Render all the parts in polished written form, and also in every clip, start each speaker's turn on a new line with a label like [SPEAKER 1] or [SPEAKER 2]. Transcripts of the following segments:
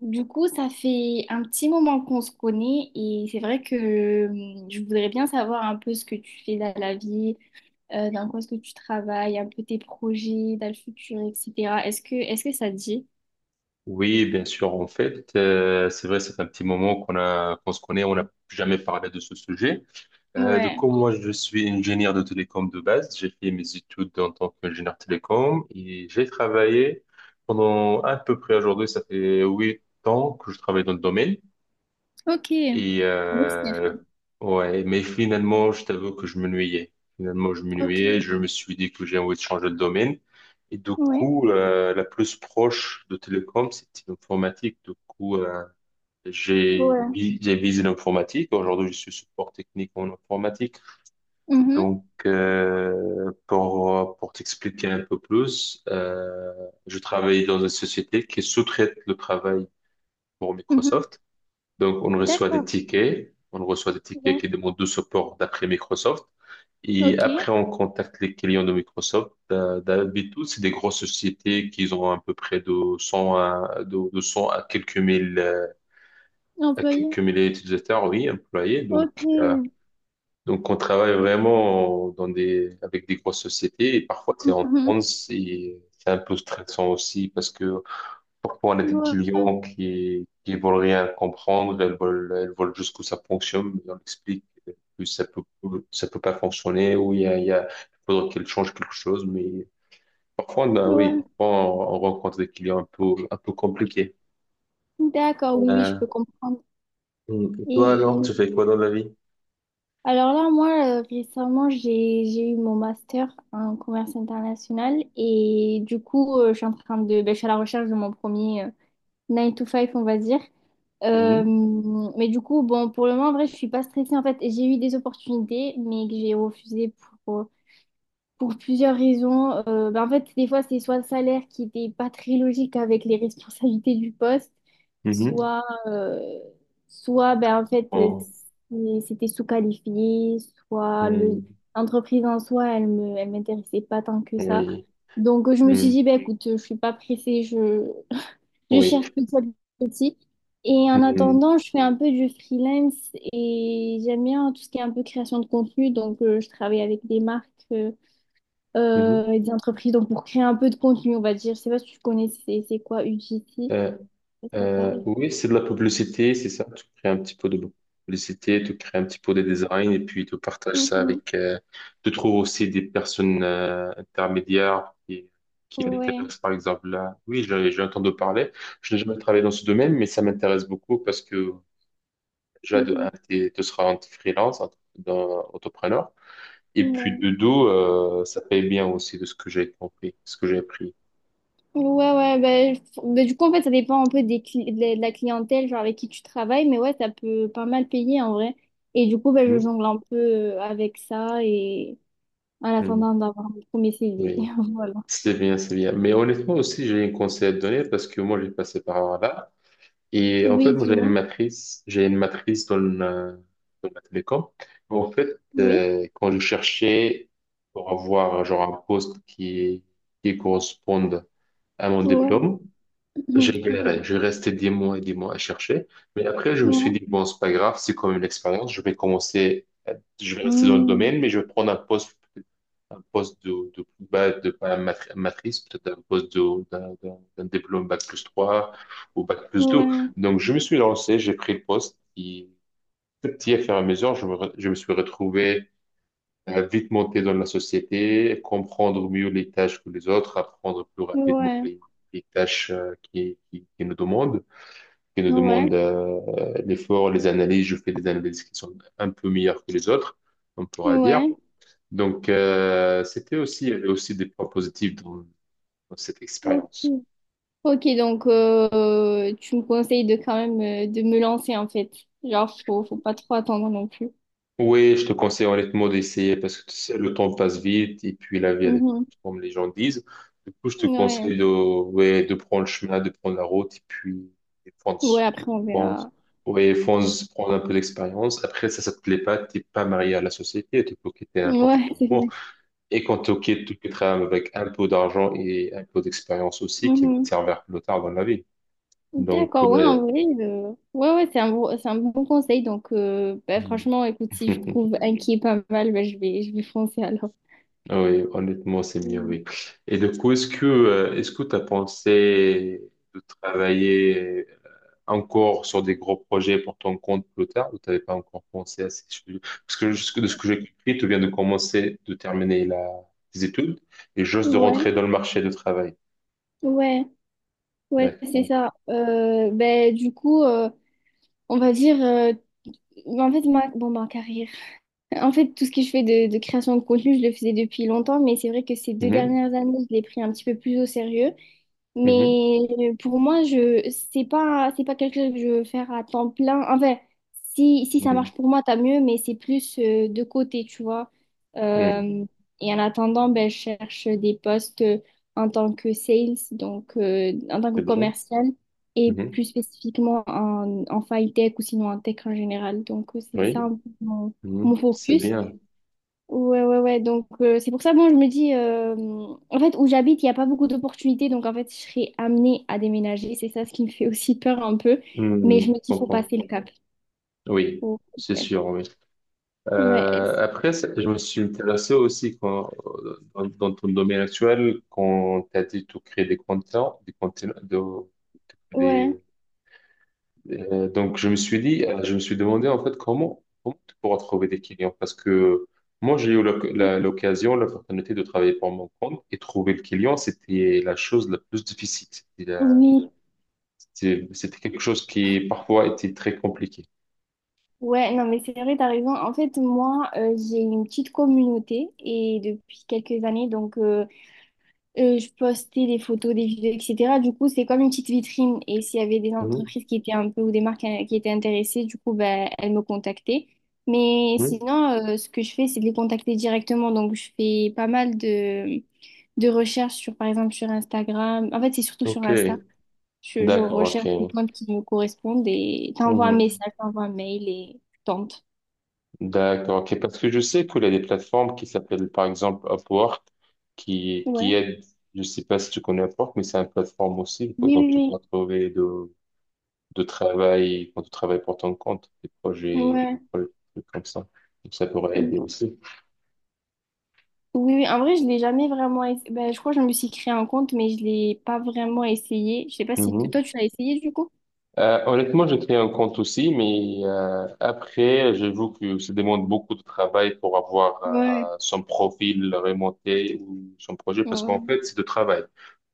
[SPEAKER 1] Du coup, ça fait un petit moment qu'on se connaît et c'est vrai que je voudrais bien savoir un peu ce que tu fais dans la vie, dans quoi est-ce que tu travailles, un peu tes projets dans le futur, etc. Est-ce que ça te dit?
[SPEAKER 2] Oui, bien sûr. En fait, c'est vrai, c'est un petit moment qu'on se connaît, on n'a jamais parlé de ce sujet. Donc,
[SPEAKER 1] Ouais,
[SPEAKER 2] moi, je suis ingénieur de télécom de base. J'ai fait mes études en tant qu'ingénieur télécom et j'ai travaillé pendant à peu près aujourd'hui, ça fait 8 ans que je travaille dans le domaine.
[SPEAKER 1] ok.
[SPEAKER 2] Et euh,
[SPEAKER 1] Oui,
[SPEAKER 2] ouais, mais finalement, je t'avoue que je m'ennuyais. Finalement, je
[SPEAKER 1] ok,
[SPEAKER 2] m'ennuyais. Je me suis dit que j'ai envie de changer de domaine. Et du
[SPEAKER 1] ouais,
[SPEAKER 2] coup, la plus proche de télécom, c'était l'informatique.
[SPEAKER 1] ouais.
[SPEAKER 2] J'ai visé l'informatique. Aujourd'hui, je suis support technique en informatique.
[SPEAKER 1] Mhm,
[SPEAKER 2] Pour t'expliquer un peu plus, je travaille dans une société qui sous-traite le travail pour
[SPEAKER 1] mhm.
[SPEAKER 2] Microsoft. Donc, on reçoit des
[SPEAKER 1] D'accord,
[SPEAKER 2] tickets. On reçoit des tickets
[SPEAKER 1] ouais.
[SPEAKER 2] qui demandent du support d'après Microsoft. Et
[SPEAKER 1] Ok,
[SPEAKER 2] après, on contacte les clients de Microsoft. D'habitude, c'est des grosses sociétés qui ont à peu près de 100 à, de 100 à quelques mille, à
[SPEAKER 1] employé.
[SPEAKER 2] quelques milliers d'utilisateurs, oui, employés.
[SPEAKER 1] Ok.
[SPEAKER 2] Donc, on travaille vraiment avec des grosses sociétés. Et parfois, c'est en
[SPEAKER 1] Mhm.
[SPEAKER 2] France et c'est un peu stressant aussi parce que parfois, on a des
[SPEAKER 1] Ouais,
[SPEAKER 2] clients qui veulent rien comprendre, elles veulent juste que ça fonctionne, mais on explique que ça peut, ça peut pas fonctionner, ou il y a, il y a, il faudrait qu'elles changent quelque chose, oui,
[SPEAKER 1] ouais.
[SPEAKER 2] parfois, on rencontre des clients un peu compliqués.
[SPEAKER 1] D'accord, oui, oui, je
[SPEAKER 2] Euh,
[SPEAKER 1] peux comprendre.
[SPEAKER 2] et toi,
[SPEAKER 1] Et
[SPEAKER 2] alors, tu fais quoi dans la vie?
[SPEAKER 1] Alors là, moi, récemment, j'ai eu mon master en commerce international et du coup, je suis en train de, ben, je suis à la recherche de mon premier 9 to five, on va dire. Euh,
[SPEAKER 2] Mhm.
[SPEAKER 1] mais du coup, bon, pour le moment, en vrai, je suis pas stressée en fait. J'ai eu des opportunités, mais que j'ai refusées pour, euh, pour plusieurs raisons. Ben, en fait, des fois, c'est soit le salaire qui n'était pas très logique avec les responsabilités du poste,
[SPEAKER 2] Mhm.
[SPEAKER 1] soit, euh, soit ben, en fait,
[SPEAKER 2] Oh.
[SPEAKER 1] c'était sous-qualifié, soit
[SPEAKER 2] Mhm.
[SPEAKER 1] l'entreprise en soi, elle m'intéressait pas tant que ça.
[SPEAKER 2] Oui.
[SPEAKER 1] Donc, je me suis
[SPEAKER 2] Mhm.
[SPEAKER 1] dit, ben, écoute, je suis pas pressée, je, je
[SPEAKER 2] Oui.
[SPEAKER 1] cherche petit à petit. Et en
[SPEAKER 2] Mhm.
[SPEAKER 1] attendant, je fais un peu du freelance et j'aime bien tout ce qui est un peu création de contenu. Donc, je travaille avec des marques.
[SPEAKER 2] Mhm.
[SPEAKER 1] Et des entreprises, donc pour créer un peu de contenu, on va dire. Je sais pas si tu connais, c'est quoi UGC?
[SPEAKER 2] Euh,
[SPEAKER 1] Ça ça parle.
[SPEAKER 2] Oui, c'est de la publicité, c'est ça. Tu crées un petit peu de publicité, tu crées un petit peu de design et puis tu partages ça
[SPEAKER 1] Mhm.
[SPEAKER 2] avec. Tu trouves aussi des personnes intermédiaires qui
[SPEAKER 1] Ouais.
[SPEAKER 2] intéressent, par exemple, là. Oui, j'ai entendu parler. Je n'ai jamais travaillé dans ce domaine, mais ça m'intéresse beaucoup parce que déjà, de
[SPEAKER 1] Mhm.
[SPEAKER 2] un, tu seras en freelance, entrepreneur. Et puis
[SPEAKER 1] Ouais.
[SPEAKER 2] de 2, ça paye bien aussi de ce que j'ai compris, ce que j'ai appris.
[SPEAKER 1] Ouais, ouais, bah, bah, du coup, en fait, ça dépend un peu de la clientèle, genre avec qui tu travailles, mais ouais, ça peut pas mal payer en vrai. Et du coup, bah, je
[SPEAKER 2] Mhm.
[SPEAKER 1] jongle un peu avec ça et en
[SPEAKER 2] Mhm.
[SPEAKER 1] attendant d'avoir mon premier CDI.
[SPEAKER 2] Oui.
[SPEAKER 1] Voilà.
[SPEAKER 2] C'est bien, c'est bien. Mais honnêtement aussi, j'ai un conseil à te donner parce que moi, j'ai passé par là. Et en fait,
[SPEAKER 1] Oui,
[SPEAKER 2] moi,
[SPEAKER 1] dis-moi.
[SPEAKER 2] j'ai une matrice dans la télécom. En fait,
[SPEAKER 1] Oui.
[SPEAKER 2] quand je cherchais pour avoir genre un poste qui corresponde à mon
[SPEAKER 1] Ouais.
[SPEAKER 2] diplôme, j'ai galéré,
[SPEAKER 1] Ouais.
[SPEAKER 2] je restais des mois et des mois à chercher. Mais après, je me suis
[SPEAKER 1] Ouais.
[SPEAKER 2] dit, bon, c'est pas grave, c'est quand même une expérience. Je vais rester dans le
[SPEAKER 1] Hmm.
[SPEAKER 2] domaine, mais je vais prendre un poste, de plus bas, de pas matrice, peut-être un poste d'un diplôme bac+3 ou bac+2.
[SPEAKER 1] Ouais.
[SPEAKER 2] Donc, je me suis lancé, j'ai pris le poste. Et petit à petit, à fur et à mesure, je me suis retrouvé à vite monter dans la société, comprendre mieux les tâches que les autres, apprendre plus rapidement
[SPEAKER 1] Ouais.
[SPEAKER 2] les tâches qui nous
[SPEAKER 1] Ouais.
[SPEAKER 2] demandent l'effort, les analyses. Je fais des analyses qui sont un peu meilleures que les autres, on pourra dire.
[SPEAKER 1] Ouais.
[SPEAKER 2] Donc, c'était aussi, il y avait aussi des points positifs dans cette
[SPEAKER 1] Ok,
[SPEAKER 2] expérience.
[SPEAKER 1] ok, donc tu me conseilles de quand même de me lancer en fait. Genre, faut pas trop attendre non plus.
[SPEAKER 2] Oui, je te conseille honnêtement d'essayer parce que tu sais, le temps passe vite et puis la vie, elle est
[SPEAKER 1] Mhm.
[SPEAKER 2] courte, comme les gens disent. Du coup, je te
[SPEAKER 1] Ouais.
[SPEAKER 2] conseille de, ouais, de prendre le chemin, de prendre la route et puis et
[SPEAKER 1] Ouais,
[SPEAKER 2] fonce.
[SPEAKER 1] après on
[SPEAKER 2] Fonce.
[SPEAKER 1] verra.
[SPEAKER 2] Ouais, fonce, prendre un peu d'expérience. Après, ça te plaît pas, t'es pas marié à la société, tu peux quitter à n'importe
[SPEAKER 1] Ouais,
[SPEAKER 2] quel
[SPEAKER 1] c'est
[SPEAKER 2] moment.
[SPEAKER 1] vrai.
[SPEAKER 2] Et quand tu quittes, tu quitteras avec un peu d'argent et un peu d'expérience aussi qui va te
[SPEAKER 1] Mhm.
[SPEAKER 2] servir plus tard dans la vie. Donc,
[SPEAKER 1] D'accord, ouais, en
[SPEAKER 2] ouais.
[SPEAKER 1] vrai, ouais, ouais, c'est un bon conseil. Donc, bah, franchement, écoute, si je trouve un qui est pas mal, bah, je vais foncer alors.
[SPEAKER 2] Ah oui, honnêtement, c'est mieux,
[SPEAKER 1] Mhm.
[SPEAKER 2] oui. Et du coup, est-ce que tu as pensé de travailler encore sur des gros projets pour ton compte plus tard ou tu n'avais pas encore pensé à ces choses? Parce que de ce que j'ai compris, tu viens de commencer, de terminer tes études et juste de
[SPEAKER 1] Ouais,
[SPEAKER 2] rentrer dans le marché du travail.
[SPEAKER 1] ouais, ouais, c'est
[SPEAKER 2] D'accord.
[SPEAKER 1] ça. Ben, du coup, on va dire, bah, en fait, moi, bon, ma carrière. En fait, tout ce que je fais de création de contenu, je le faisais depuis longtemps, mais c'est vrai que ces deux
[SPEAKER 2] Mhm,
[SPEAKER 1] dernières années, je l'ai pris un petit peu plus au sérieux.
[SPEAKER 2] mhm,
[SPEAKER 1] Mais pour moi, je c'est pas quelque chose que je veux faire à temps plein. Enfin, si ça
[SPEAKER 2] mhm,
[SPEAKER 1] marche pour moi, tant mieux, mais c'est plus de côté, tu vois.
[SPEAKER 2] mhm.
[SPEAKER 1] Euh, et en attendant, ben, je cherche des postes en tant que sales, donc en tant que
[SPEAKER 2] C'est bien.
[SPEAKER 1] commercial, et plus
[SPEAKER 2] Mhm,
[SPEAKER 1] spécifiquement en file tech ou sinon en tech en général. Donc c'est ça
[SPEAKER 2] oui,
[SPEAKER 1] un peu mon,
[SPEAKER 2] mhm,
[SPEAKER 1] mon
[SPEAKER 2] c'est
[SPEAKER 1] focus.
[SPEAKER 2] bien.
[SPEAKER 1] Ouais, ouais, ouais. Donc, c'est pour ça, bon, je me dis, en fait, où j'habite, il n'y a pas beaucoup d'opportunités. Donc, en fait, je serais amenée à déménager. C'est ça ce qui me fait aussi peur un peu. Mais je
[SPEAKER 2] Mhm,
[SPEAKER 1] me
[SPEAKER 2] je
[SPEAKER 1] dis, faut
[SPEAKER 2] comprends.
[SPEAKER 1] passer le cap.
[SPEAKER 2] Oui,
[SPEAKER 1] Faut le
[SPEAKER 2] c'est
[SPEAKER 1] faire.
[SPEAKER 2] sûr, oui.
[SPEAKER 1] Ouais,
[SPEAKER 2] Après, je me suis intéressé aussi quand, dans ton domaine actuel, quand tu as dit tout créer des contenants,
[SPEAKER 1] ouais,
[SPEAKER 2] des, donc je me suis dit, je me suis demandé en fait comment tu pourras trouver des clients parce que moi j'ai eu l'oc- la- l'occasion, l'opportunité de travailler pour mon compte et trouver le client, c'était la chose la plus difficile. C'était la-
[SPEAKER 1] oui.
[SPEAKER 2] c'était C'était quelque chose qui parfois était très compliqué.
[SPEAKER 1] Ouais, non, mais c'est vrai, t'as raison. En fait, moi, j'ai une petite communauté et depuis quelques années, donc, je postais des photos, des vidéos, etc. Du coup, c'est comme une petite vitrine. Et s'il y avait des
[SPEAKER 2] Mhm,
[SPEAKER 1] entreprises qui étaient un peu ou des marques qui étaient intéressées, du coup, ben, elles me contactaient. Mais
[SPEAKER 2] mhm.
[SPEAKER 1] sinon, ce que je fais, c'est de les contacter directement. Donc, je fais pas mal de recherches sur, par exemple, sur Instagram. En fait, c'est surtout sur
[SPEAKER 2] Ok,
[SPEAKER 1] Insta. Je
[SPEAKER 2] d'accord,
[SPEAKER 1] recherche des
[SPEAKER 2] ok.
[SPEAKER 1] comptes qui me correspondent et t'envoies un
[SPEAKER 2] Mhm.
[SPEAKER 1] message, t'envoies un mail et tu tentes.
[SPEAKER 2] D'accord, ok. Parce que je sais qu'il y a des plateformes qui s'appellent par exemple Upwork qui
[SPEAKER 1] Ouais.
[SPEAKER 2] aident, je sais pas si tu connais Upwork, mais c'est une plateforme aussi. Quoi.
[SPEAKER 1] Oui,
[SPEAKER 2] Donc tu pourras
[SPEAKER 1] oui,
[SPEAKER 2] trouver de travail quand tu travailles pour ton compte,
[SPEAKER 1] oui.
[SPEAKER 2] des
[SPEAKER 1] Ouais.
[SPEAKER 2] projets des trucs comme ça. Donc ça pourrait aider aussi.
[SPEAKER 1] Oui, oui, en vrai, je l'ai jamais vraiment essayé. Ben, je crois que je me suis créé un compte, mais je l'ai pas vraiment essayé. Je sais pas si
[SPEAKER 2] Mhm.
[SPEAKER 1] toi, tu l'as essayé du coup?
[SPEAKER 2] Honnêtement, j'ai créé un compte aussi, mais après, j'avoue que ça demande beaucoup de travail pour avoir
[SPEAKER 1] Ouais,
[SPEAKER 2] son profil remonté ou son projet, parce qu'en
[SPEAKER 1] ouais,
[SPEAKER 2] fait, c'est de travail.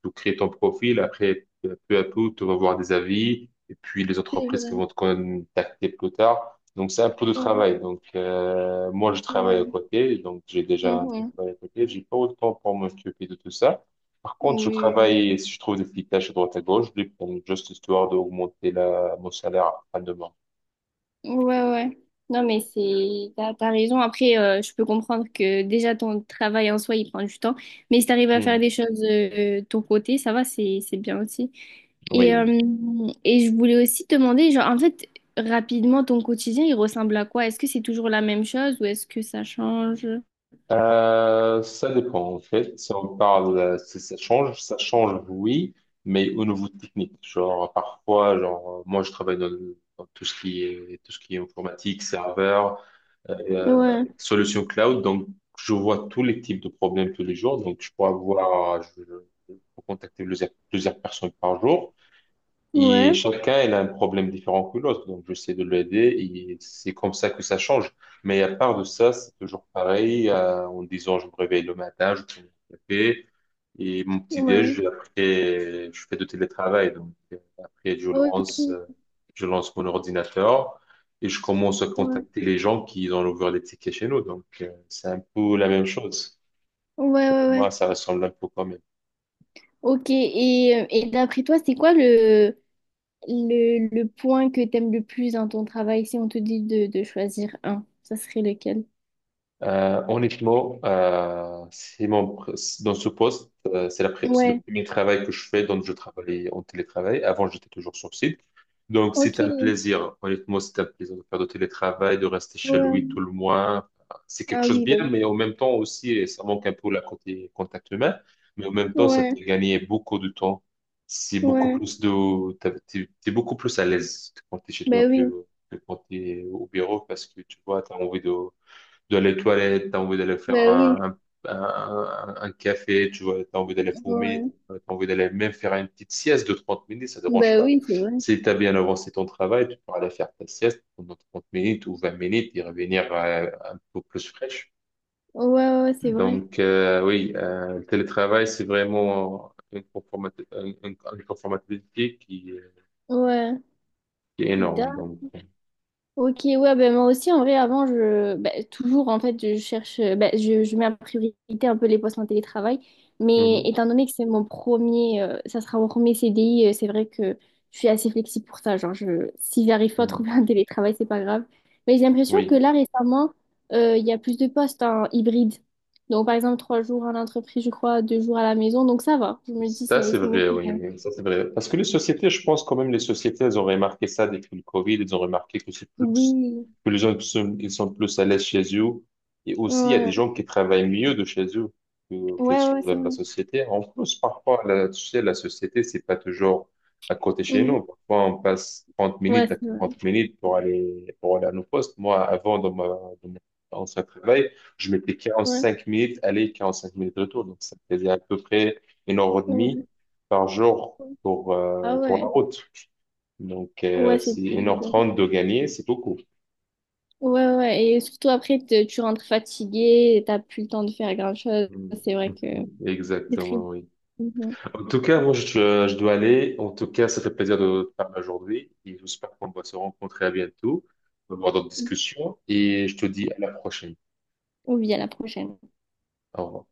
[SPEAKER 2] Tu crées ton profil, après, peu à peu, tu vas voir des avis, et puis les
[SPEAKER 1] c'est
[SPEAKER 2] entreprises
[SPEAKER 1] vrai.
[SPEAKER 2] qui vont te contacter plus tard. Donc, c'est un peu de
[SPEAKER 1] Ouais,
[SPEAKER 2] travail. Donc, moi, je travaille à
[SPEAKER 1] ouais.
[SPEAKER 2] côté, donc j'ai déjà un
[SPEAKER 1] Mhm.
[SPEAKER 2] travail à côté. J'ai pas autant pour m'occuper de tout ça. Par
[SPEAKER 1] Oui,
[SPEAKER 2] contre, je
[SPEAKER 1] oui, oui.
[SPEAKER 2] travaille, si je trouve des petites tâches à droite à gauche, je les prends juste histoire d'augmenter la, mon salaire à demain.
[SPEAKER 1] Ouais, ouais. Non, mais t'as raison. Après, je peux comprendre que déjà ton travail en soi, il prend du temps. Mais si t'arrives à faire des
[SPEAKER 2] Hmm,
[SPEAKER 1] choses de ton côté, ça va, c'est bien aussi. Et, euh,
[SPEAKER 2] oui.
[SPEAKER 1] et je voulais aussi te demander, genre, en fait, rapidement, ton quotidien, il ressemble à quoi? Est-ce que c'est toujours la même chose ou est-ce que ça change?
[SPEAKER 2] Ça dépend, en fait. Si on parle, Si ça change, ça change, oui, mais au niveau technique. Moi, je travaille dans tout ce qui est, tout ce qui est informatique, serveur,
[SPEAKER 1] Ouais,
[SPEAKER 2] solution cloud. Donc, je vois tous les types de problèmes tous les jours. Donc, je peux contacter plusieurs personnes par jour. Et
[SPEAKER 1] ouais,
[SPEAKER 2] chacun, il a un problème différent que l'autre. Donc, j'essaie de l'aider et c'est comme ça que ça change. Mais à part de ça, c'est toujours pareil. Je me réveille le matin, je prends mon café et mon
[SPEAKER 1] ouais.
[SPEAKER 2] petit-déj, après, je fais du télétravail. Donc, euh, après, je
[SPEAKER 1] Ok,
[SPEAKER 2] lance,
[SPEAKER 1] ouais,
[SPEAKER 2] euh, je lance mon ordinateur et je commence à contacter les gens qui ont ouvert des tickets chez nous. Donc, c'est un peu la même chose.
[SPEAKER 1] ouais,
[SPEAKER 2] Pour
[SPEAKER 1] ouais,
[SPEAKER 2] moi,
[SPEAKER 1] ouais.
[SPEAKER 2] ça ressemble un peu quand même.
[SPEAKER 1] Ok, et d'après toi, Le point que t'aimes le plus dans ton travail, si on te dit de choisir un, ça serait lequel?
[SPEAKER 2] Honnêtement, dans ce poste, c'est le
[SPEAKER 1] Ouais,
[SPEAKER 2] premier travail que je fais. Donc, je travaillais en télétravail. Avant, j'étais toujours sur site. Donc, c'est
[SPEAKER 1] ok.
[SPEAKER 2] un plaisir. Honnêtement, c'est un plaisir de faire du télétravail, de rester chez lui tout
[SPEAKER 1] Ouais.
[SPEAKER 2] le mois. C'est quelque
[SPEAKER 1] Ah
[SPEAKER 2] chose de
[SPEAKER 1] oui, bah,
[SPEAKER 2] bien, mais en même temps aussi, et ça manque un peu la côté contact humain. Mais en même temps, ça te
[SPEAKER 1] ouais,
[SPEAKER 2] fait gagner beaucoup de temps. C'est beaucoup
[SPEAKER 1] ouais.
[SPEAKER 2] plus de, T'as- t'es, t'es beaucoup plus à l'aise quand t'es chez toi
[SPEAKER 1] Bah oui,
[SPEAKER 2] que quand t'es au bureau parce que tu vois, t'as envie de d'aller les toilettes, t'as envie d'aller faire
[SPEAKER 1] bah oui,
[SPEAKER 2] un, un, un- un café, tu vois, t'as envie d'aller fumer,
[SPEAKER 1] ouais.
[SPEAKER 2] t'as envie d'aller même faire une petite sieste de 30 minutes, ça ne dérange
[SPEAKER 1] Bah
[SPEAKER 2] pas.
[SPEAKER 1] oui, c'est vrai.
[SPEAKER 2] Si t'as bien avancé ton travail, tu pourras aller faire ta sieste pendant 30 minutes ou 20 minutes et revenir un peu plus fraîche.
[SPEAKER 1] Ouais, ouais, c'est vrai.
[SPEAKER 2] Donc, oui, le télétravail, c'est vraiment une conformati- un- une conformabilité
[SPEAKER 1] Ouais.
[SPEAKER 2] qui est énorme. Donc,
[SPEAKER 1] Ok, ouais, ben moi aussi, en vrai, avant, ben, toujours, en fait, ben, je mets en priorité un peu les postes en télétravail, mais
[SPEAKER 2] mhm,
[SPEAKER 1] étant donné que c'est ça sera mon premier CDI, c'est vrai que je suis assez flexible pour ça, genre, si j'arrive pas à
[SPEAKER 2] mhm.
[SPEAKER 1] trouver un télétravail, c'est pas grave. Mais j'ai l'impression que
[SPEAKER 2] Oui.
[SPEAKER 1] là, récemment, il y a plus de postes en hybride. Donc, par exemple, trois jours à l'entreprise, je crois, deux jours à la maison, donc ça va. Je me dis,
[SPEAKER 2] Ça,
[SPEAKER 1] c'est
[SPEAKER 2] c'est
[SPEAKER 1] c'est mieux
[SPEAKER 2] vrai,
[SPEAKER 1] que
[SPEAKER 2] oui,
[SPEAKER 1] rien.
[SPEAKER 2] oui, ça, c'est vrai. Parce que les sociétés, je pense quand même, les sociétés, elles ont remarqué ça depuis le Covid, elles ont remarqué que c'est plus,
[SPEAKER 1] Oui,
[SPEAKER 2] que les gens sont, ils sont plus à l'aise chez eux. Et aussi, il y a des
[SPEAKER 1] ouais,
[SPEAKER 2] gens qui travaillent mieux de chez eux que
[SPEAKER 1] ouais,
[SPEAKER 2] sur
[SPEAKER 1] ouais, c'est
[SPEAKER 2] la
[SPEAKER 1] vrai.
[SPEAKER 2] société. En plus, parfois, la, tu sais, la société, c'est pas toujours à côté chez nous.
[SPEAKER 1] Mhm.
[SPEAKER 2] Parfois, on passe trente
[SPEAKER 1] Ouais,
[SPEAKER 2] minutes à
[SPEAKER 1] c'est vrai.
[SPEAKER 2] 40 minutes pour aller à nos postes. Moi, avant, dans mon ancien travail, je mettais quarante
[SPEAKER 1] Ouais,
[SPEAKER 2] cinq minutes aller, 45 minutes retour. Donc, ça faisait à peu près 1 heure et demie
[SPEAKER 1] ouais.
[SPEAKER 2] par jour
[SPEAKER 1] Ah
[SPEAKER 2] pour la
[SPEAKER 1] ouais,
[SPEAKER 2] route. Donc,
[SPEAKER 1] ouais, c'est
[SPEAKER 2] c'est une heure
[SPEAKER 1] bon.
[SPEAKER 2] trente de gagner, c'est beaucoup.
[SPEAKER 1] Ouais, ouais, et surtout après, tu rentres fatigué, t'as plus le temps de faire grand-chose.
[SPEAKER 2] Mm.
[SPEAKER 1] C'est vrai que c'est très.
[SPEAKER 2] Exactement, oui.
[SPEAKER 1] Mhm.
[SPEAKER 2] En tout cas, moi, je dois aller. En tout cas, ça fait plaisir de te parler aujourd'hui et j'espère qu'on va se rencontrer à bientôt, on va avoir d'autres discussions et je te dis à la prochaine.
[SPEAKER 1] Ou bien à la prochaine.
[SPEAKER 2] Au revoir.